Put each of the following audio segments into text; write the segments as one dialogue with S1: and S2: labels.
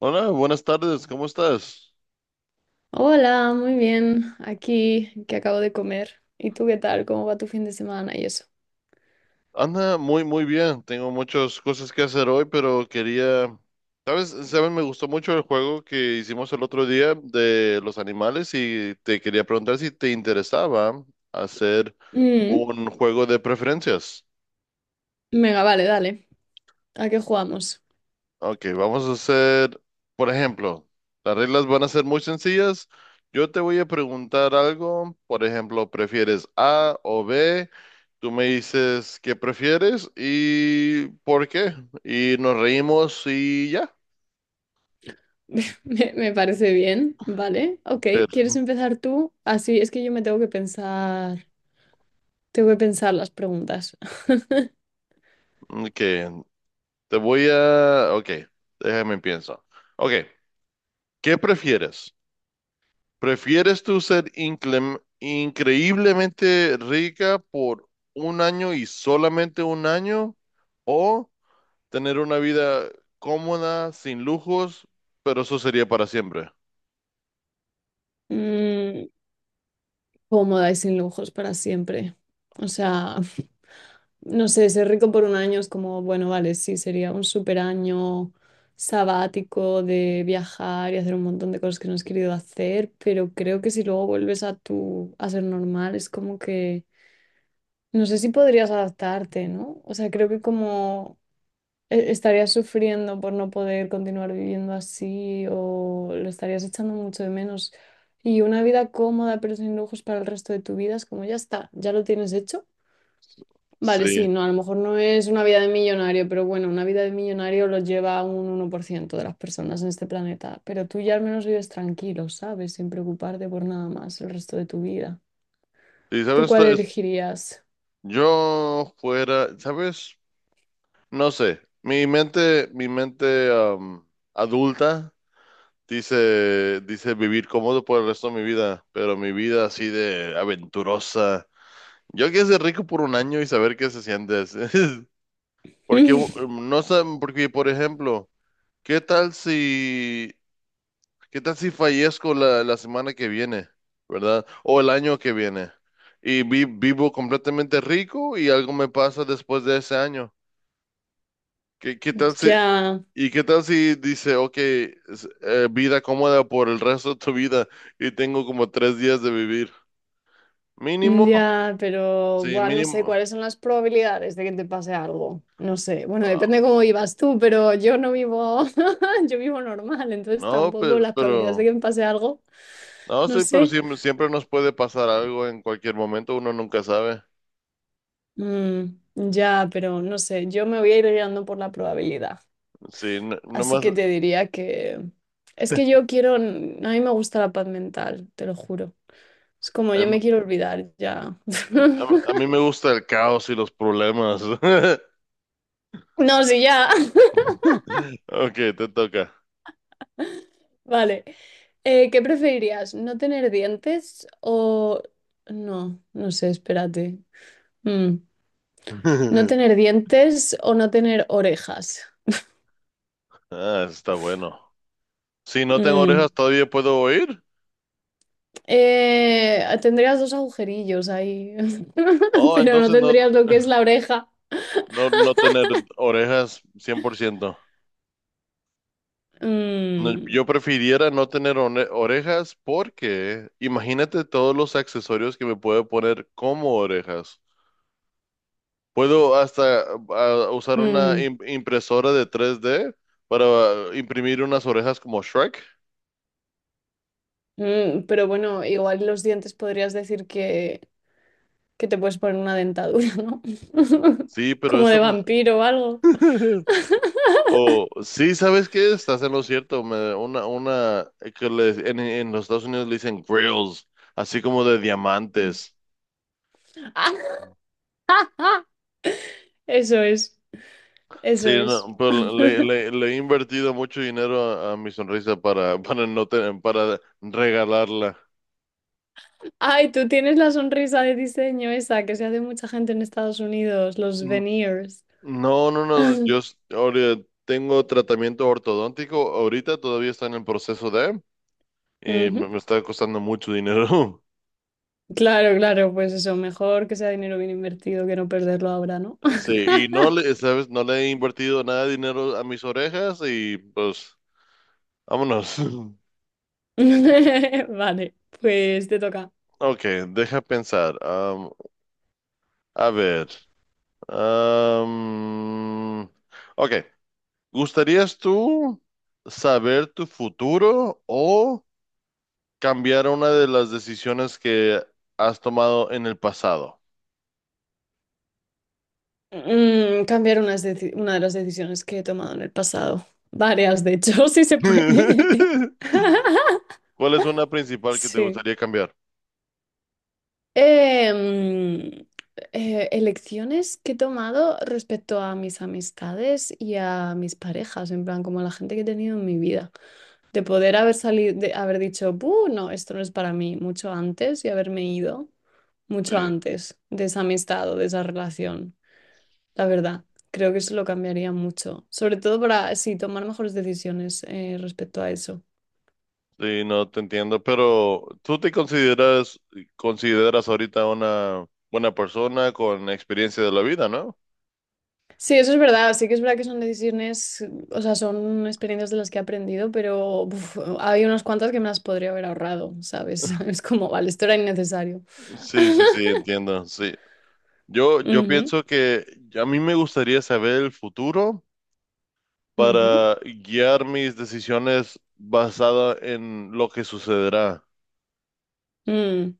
S1: Hola, buenas tardes, ¿cómo estás?
S2: Hola, muy bien. Aquí que acabo de comer. ¿Y tú qué tal? ¿Cómo va tu fin de semana y eso?
S1: Anda, muy, muy bien. Tengo muchas cosas que hacer hoy, pero quería... ¿Sabes? Me gustó mucho el juego que hicimos el otro día de los animales y te quería preguntar si te interesaba hacer
S2: Mm,
S1: un juego de preferencias.
S2: venga, vale, dale. ¿A qué jugamos?
S1: Ok, vamos a hacer, por ejemplo, las reglas van a ser muy sencillas. Yo te voy a preguntar algo, por ejemplo, ¿prefieres A o B? Tú me dices qué prefieres y por qué. Y nos reímos y ya.
S2: Me parece bien, ¿vale? Ok, ¿quieres
S1: Pero,
S2: empezar tú? Así es que yo me tengo que pensar las preguntas.
S1: mm, que Te voy a... Ok, déjame pienso. Ok, ¿qué prefieres? ¿Prefieres tú ser increíblemente rica por un año y solamente un año? ¿O tener una vida cómoda, sin lujos, pero eso sería para siempre?
S2: Mm, Cómoda y sin lujos para siempre. O sea, no sé, ser rico por un año es como, bueno, vale, sí, sería un super año sabático de viajar y hacer un montón de cosas que no has querido hacer, pero creo que si luego vuelves a a ser normal, es como que, no sé si podrías adaptarte, ¿no? O sea, creo que como estarías sufriendo por no poder continuar viviendo así o lo estarías echando mucho de menos. Y una vida cómoda pero sin lujos para el resto de tu vida es como ya está, ya lo tienes hecho. Vale, sí,
S1: Sí.
S2: no, a lo mejor no es una vida de millonario, pero bueno, una vida de millonario lo lleva un 1% de las personas en este planeta. Pero tú ya al menos vives tranquilo, ¿sabes? Sin preocuparte por nada más el resto de tu vida.
S1: Y sabes,
S2: ¿Tú cuál elegirías?
S1: Yo fuera, ¿sabes? No sé, mi mente adulta dice vivir cómodo por el resto de mi vida, pero mi vida así de aventurosa. Yo quiero ser rico por un año y saber qué se siente. Porque no saben, porque por ejemplo, ¿qué tal si, qué tal si fallezco la semana que viene, ¿verdad? O el año que viene. Y vivo completamente rico y algo me pasa después de ese año. ¿Qué, qué tal si,
S2: Ya,
S1: y qué tal si dice, ok, vida cómoda por el resto de tu vida y tengo como tres días de vivir. Mínimo,
S2: ya, pero
S1: sí,
S2: buah, no sé
S1: mínimo.
S2: cuáles son las probabilidades de que te pase algo. No sé, bueno,
S1: Ah,
S2: depende cómo vivas tú, pero yo no vivo, yo vivo normal, entonces
S1: No,
S2: tampoco las probabilidades de
S1: pero,
S2: que me pase algo,
S1: no,
S2: no
S1: sí, pero
S2: sé.
S1: siempre, siempre nos puede pasar algo en cualquier momento, uno nunca sabe.
S2: Ya, pero no sé, yo me voy a ir guiando por la probabilidad.
S1: Sí, no,
S2: Así
S1: nomás,
S2: que te diría que... Es que yo quiero... A mí me gusta la paz mental, te lo juro. Es como yo
S1: em,
S2: me quiero olvidar ya.
S1: a mí me gusta el caos y los problemas.
S2: No, sí, ya.
S1: Ok, te toca.
S2: Vale. ¿Qué preferirías? ¿No tener dientes o... No, no sé, espérate. Mm, ¿No tener dientes o no tener orejas?
S1: Ah, está bueno. Si no tengo
S2: Mm.
S1: orejas, todavía puedo oír.
S2: Tendrías dos agujerillos ahí,
S1: Oh,
S2: pero no
S1: entonces no.
S2: tendrías lo que es la oreja.
S1: No, no tener orejas 100%. No,
S2: Mm,
S1: yo prefiriera no tener orejas porque imagínate todos los accesorios que me puedo poner como orejas. Puedo hasta usar una
S2: mm,
S1: impresora de tres d para imprimir unas orejas como Shrek.
S2: pero bueno, igual los dientes podrías decir que te puedes poner una dentadura, ¿no?
S1: Sí, pero
S2: Como
S1: eso
S2: de
S1: me...
S2: vampiro o algo.
S1: O sí, ¿sabes qué? Estás en lo cierto. Una en los Estados Unidos le dicen grills, así como de diamantes.
S2: Eso es, eso
S1: Sí,
S2: es.
S1: no, pero le he invertido mucho dinero a mi sonrisa para, para no tener, para regalarla.
S2: Ay, tú tienes la sonrisa de diseño esa que se hace mucha gente en Estados Unidos, los
S1: Mm,
S2: veneers.
S1: No, ahora tengo tratamiento ortodóntico, ahorita todavía está en el proceso de, y
S2: Ujú.
S1: me está costando mucho dinero.
S2: Claro, claro, pues eso, mejor que sea dinero bien invertido que no perderlo ahora, ¿no?
S1: Sí, y no le, sabes, no le he invertido nada de dinero a mis orejas y pues, vámonos.
S2: Vale, pues te toca.
S1: Ok, deja pensar. A ver. am, ok. ¿Gustarías tú saber tu futuro o cambiar una de las decisiones que has tomado en el pasado?
S2: Cambiar unas una de las decisiones que he tomado en el pasado. Varias, de hecho, si se puede.
S1: ¿Cuál es una principal que te
S2: Sí.
S1: gustaría cambiar?
S2: Em, Elecciones que he tomado respecto a mis amistades y a mis parejas, en plan, como a la gente que he tenido en mi vida. De poder haber salido, de haber dicho, "Buh, no, esto no es para mí", mucho antes y haberme ido mucho
S1: Sí,
S2: antes de esa amistad o de esa relación. La verdad, creo que eso lo cambiaría mucho, sobre todo para, sí, tomar mejores decisiones respecto a eso.
S1: sí, no te entiendo, pero ¿tú te consideras ahorita una buena persona con experiencia de la vida, ¿no?
S2: Sí, eso es verdad, sí que es verdad que son decisiones, o sea, son experiencias de las que he aprendido, pero uf, hay unas cuantas que me las podría haber ahorrado, ¿sabes? Es como, vale, esto era innecesario.
S1: Sí, sí, sí, entiendo, sí. Yo
S2: Ujú,
S1: pienso que a mí me gustaría saber el futuro
S2: ujú,
S1: para guiar mis decisiones basada en lo que sucederá.
S2: mm,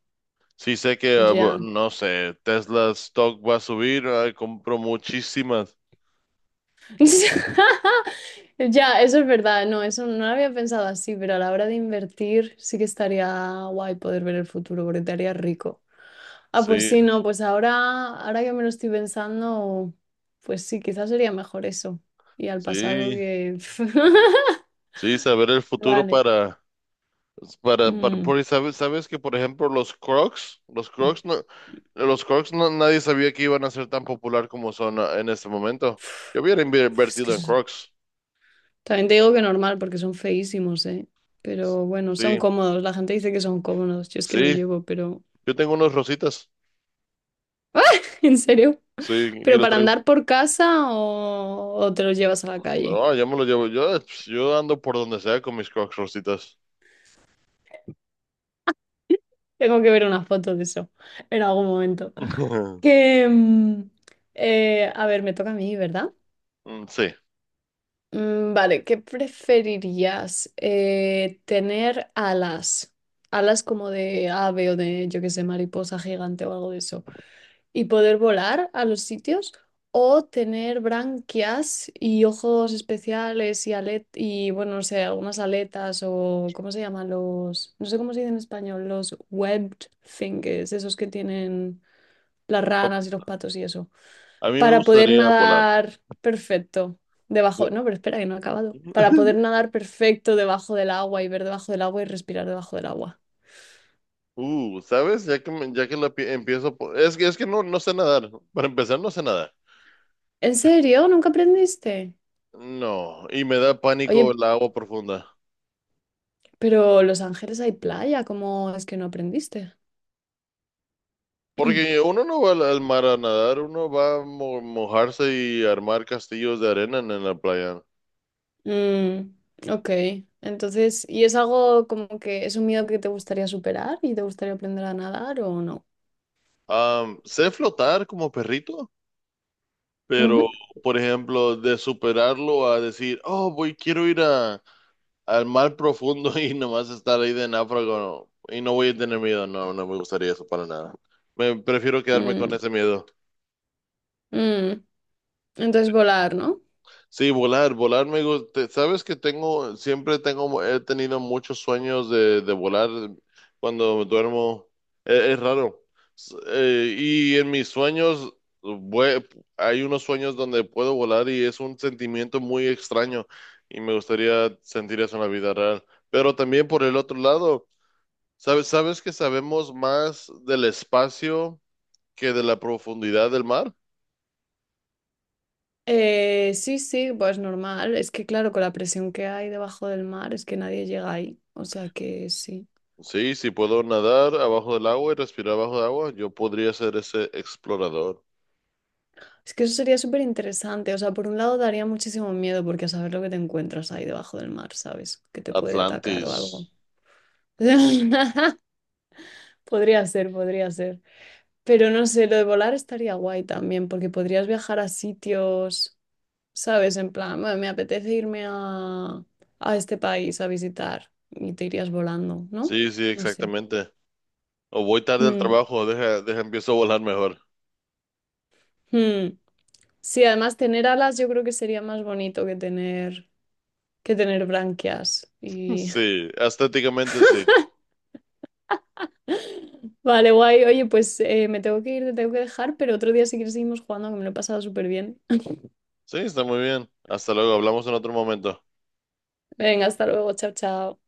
S1: Sí sé que,
S2: ya.
S1: no sé, Tesla stock va a subir, ay, compro muchísimas.
S2: Ya, eso es verdad, no, eso no lo había pensado así, pero a la hora de invertir sí que estaría guay poder ver el futuro porque te haría rico. Ah, pues
S1: Sí,
S2: sí, no, pues ahora, ahora que me lo estoy pensando, pues sí, quizás sería mejor eso. Y al pasado
S1: sí,
S2: que...
S1: sí, saber el futuro
S2: Vale.
S1: para, para
S2: Mm.
S1: porque sabes, sabes que, por ejemplo, los Crocs, los Crocs no, nadie sabía que iban a ser tan popular como son en este momento. Yo hubiera
S2: Uf, es que
S1: invertido en Crocs.
S2: también te digo que normal porque son feísimos, ¿eh? Pero bueno, son
S1: Sí,
S2: cómodos. La gente dice que son cómodos. Yo es que no
S1: sí,
S2: llevo, pero
S1: yo tengo unos rositas,
S2: en serio.
S1: sí, y
S2: ¿Pero
S1: los
S2: para
S1: traigo.
S2: andar por casa o te los llevas a la calle?
S1: No, yo me lo llevo. Yo ando por donde sea con mis Crocs rositas.
S2: Tengo que ver unas fotos de eso en algún momento. Que, a ver, me toca a mí, ¿verdad?
S1: Mm, sí.
S2: Vale, ¿qué preferirías? ¿Tener alas? Alas como de ave o de, yo qué sé, mariposa gigante o algo de eso. Y poder volar a los sitios o tener branquias y ojos especiales y alet y bueno, no sé, algunas aletas o ¿cómo se llaman los? No sé cómo se dice en español, los webbed fingers, esos que tienen las
S1: Pa-
S2: ranas y los patos y eso,
S1: A mí me
S2: para poder
S1: gustaría volar.
S2: nadar perfecto. Debajo, no, pero espera que no he acabado. Para poder nadar perfecto debajo del agua y ver debajo del agua y respirar debajo del agua.
S1: ¿Sabes? Ya que, me- ya que la pi- empiezo por- es que no, no sé nadar. Para empezar, no sé nadar.
S2: ¿En serio? ¿Nunca aprendiste?
S1: No, y me da pánico
S2: Oye,
S1: el agua profunda.
S2: pero Los Ángeles hay playa, ¿cómo es que no aprendiste?
S1: Porque uno no va al mar a nadar, uno va a mojarse y armar castillos de arena en la playa.
S2: Mm, ok, entonces, ¿y es algo como que es un miedo que te gustaría superar y te gustaría aprender a nadar o no?
S1: Am, sé flotar como perrito, pero,
S2: Ujú.
S1: por ejemplo, de superarlo a decir, oh, voy, quiero ir a, al mar profundo y nomás estar ahí de náufrago no, y no voy a tener miedo, no, no me gustaría eso para nada. Me prefiero quedarme con
S2: Mm,
S1: ese miedo.
S2: mm. Entonces, volar, ¿no?
S1: Sí, volar, volar me gusta. Sabes que tengo, siempre tengo, he tenido muchos sueños de volar cuando duermo. E- Es raro. Y en mis sueños, vue- hay unos sueños donde puedo volar y es un sentimiento muy extraño y me gustaría sentir eso en la vida real. Pero también por el otro lado, sabes, sabes que sabemos más del espacio que de la profundidad del mar.
S2: Sí, sí, pues normal. Es que claro, con la presión que hay debajo del mar, es que nadie llega ahí. O sea que sí.
S1: Sí, si puedo nadar abajo del agua y respirar abajo del agua, yo podría ser ese explorador.
S2: Es que eso sería súper interesante. O sea, por un lado daría muchísimo miedo porque a saber lo que te encuentras ahí debajo del mar, ¿sabes? Que te puede atacar o algo.
S1: Atlantis.
S2: Podría ser, podría ser. Pero no sé, lo de volar estaría guay también, porque podrías viajar a sitios, ¿sabes? En plan, "Bueno, me apetece irme a este país a visitar y te irías volando, ¿no?"
S1: Sí, sí,
S2: No sé.
S1: exactamente. O voy tarde al
S2: Mm,
S1: trabajo, deja, deja, empiezo a volar mejor.
S2: mm. Sí, además tener alas yo creo que sería más bonito que tener branquias. Y...
S1: Sí, estéticamente sí.
S2: Vale, guay. Oye, pues me tengo que ir, te tengo que dejar, pero otro día si quieres seguimos jugando, que me lo he pasado súper bien.
S1: Sí, está muy bien. Hasta luego, hablamos en otro momento.
S2: Venga, hasta luego, chao, chao.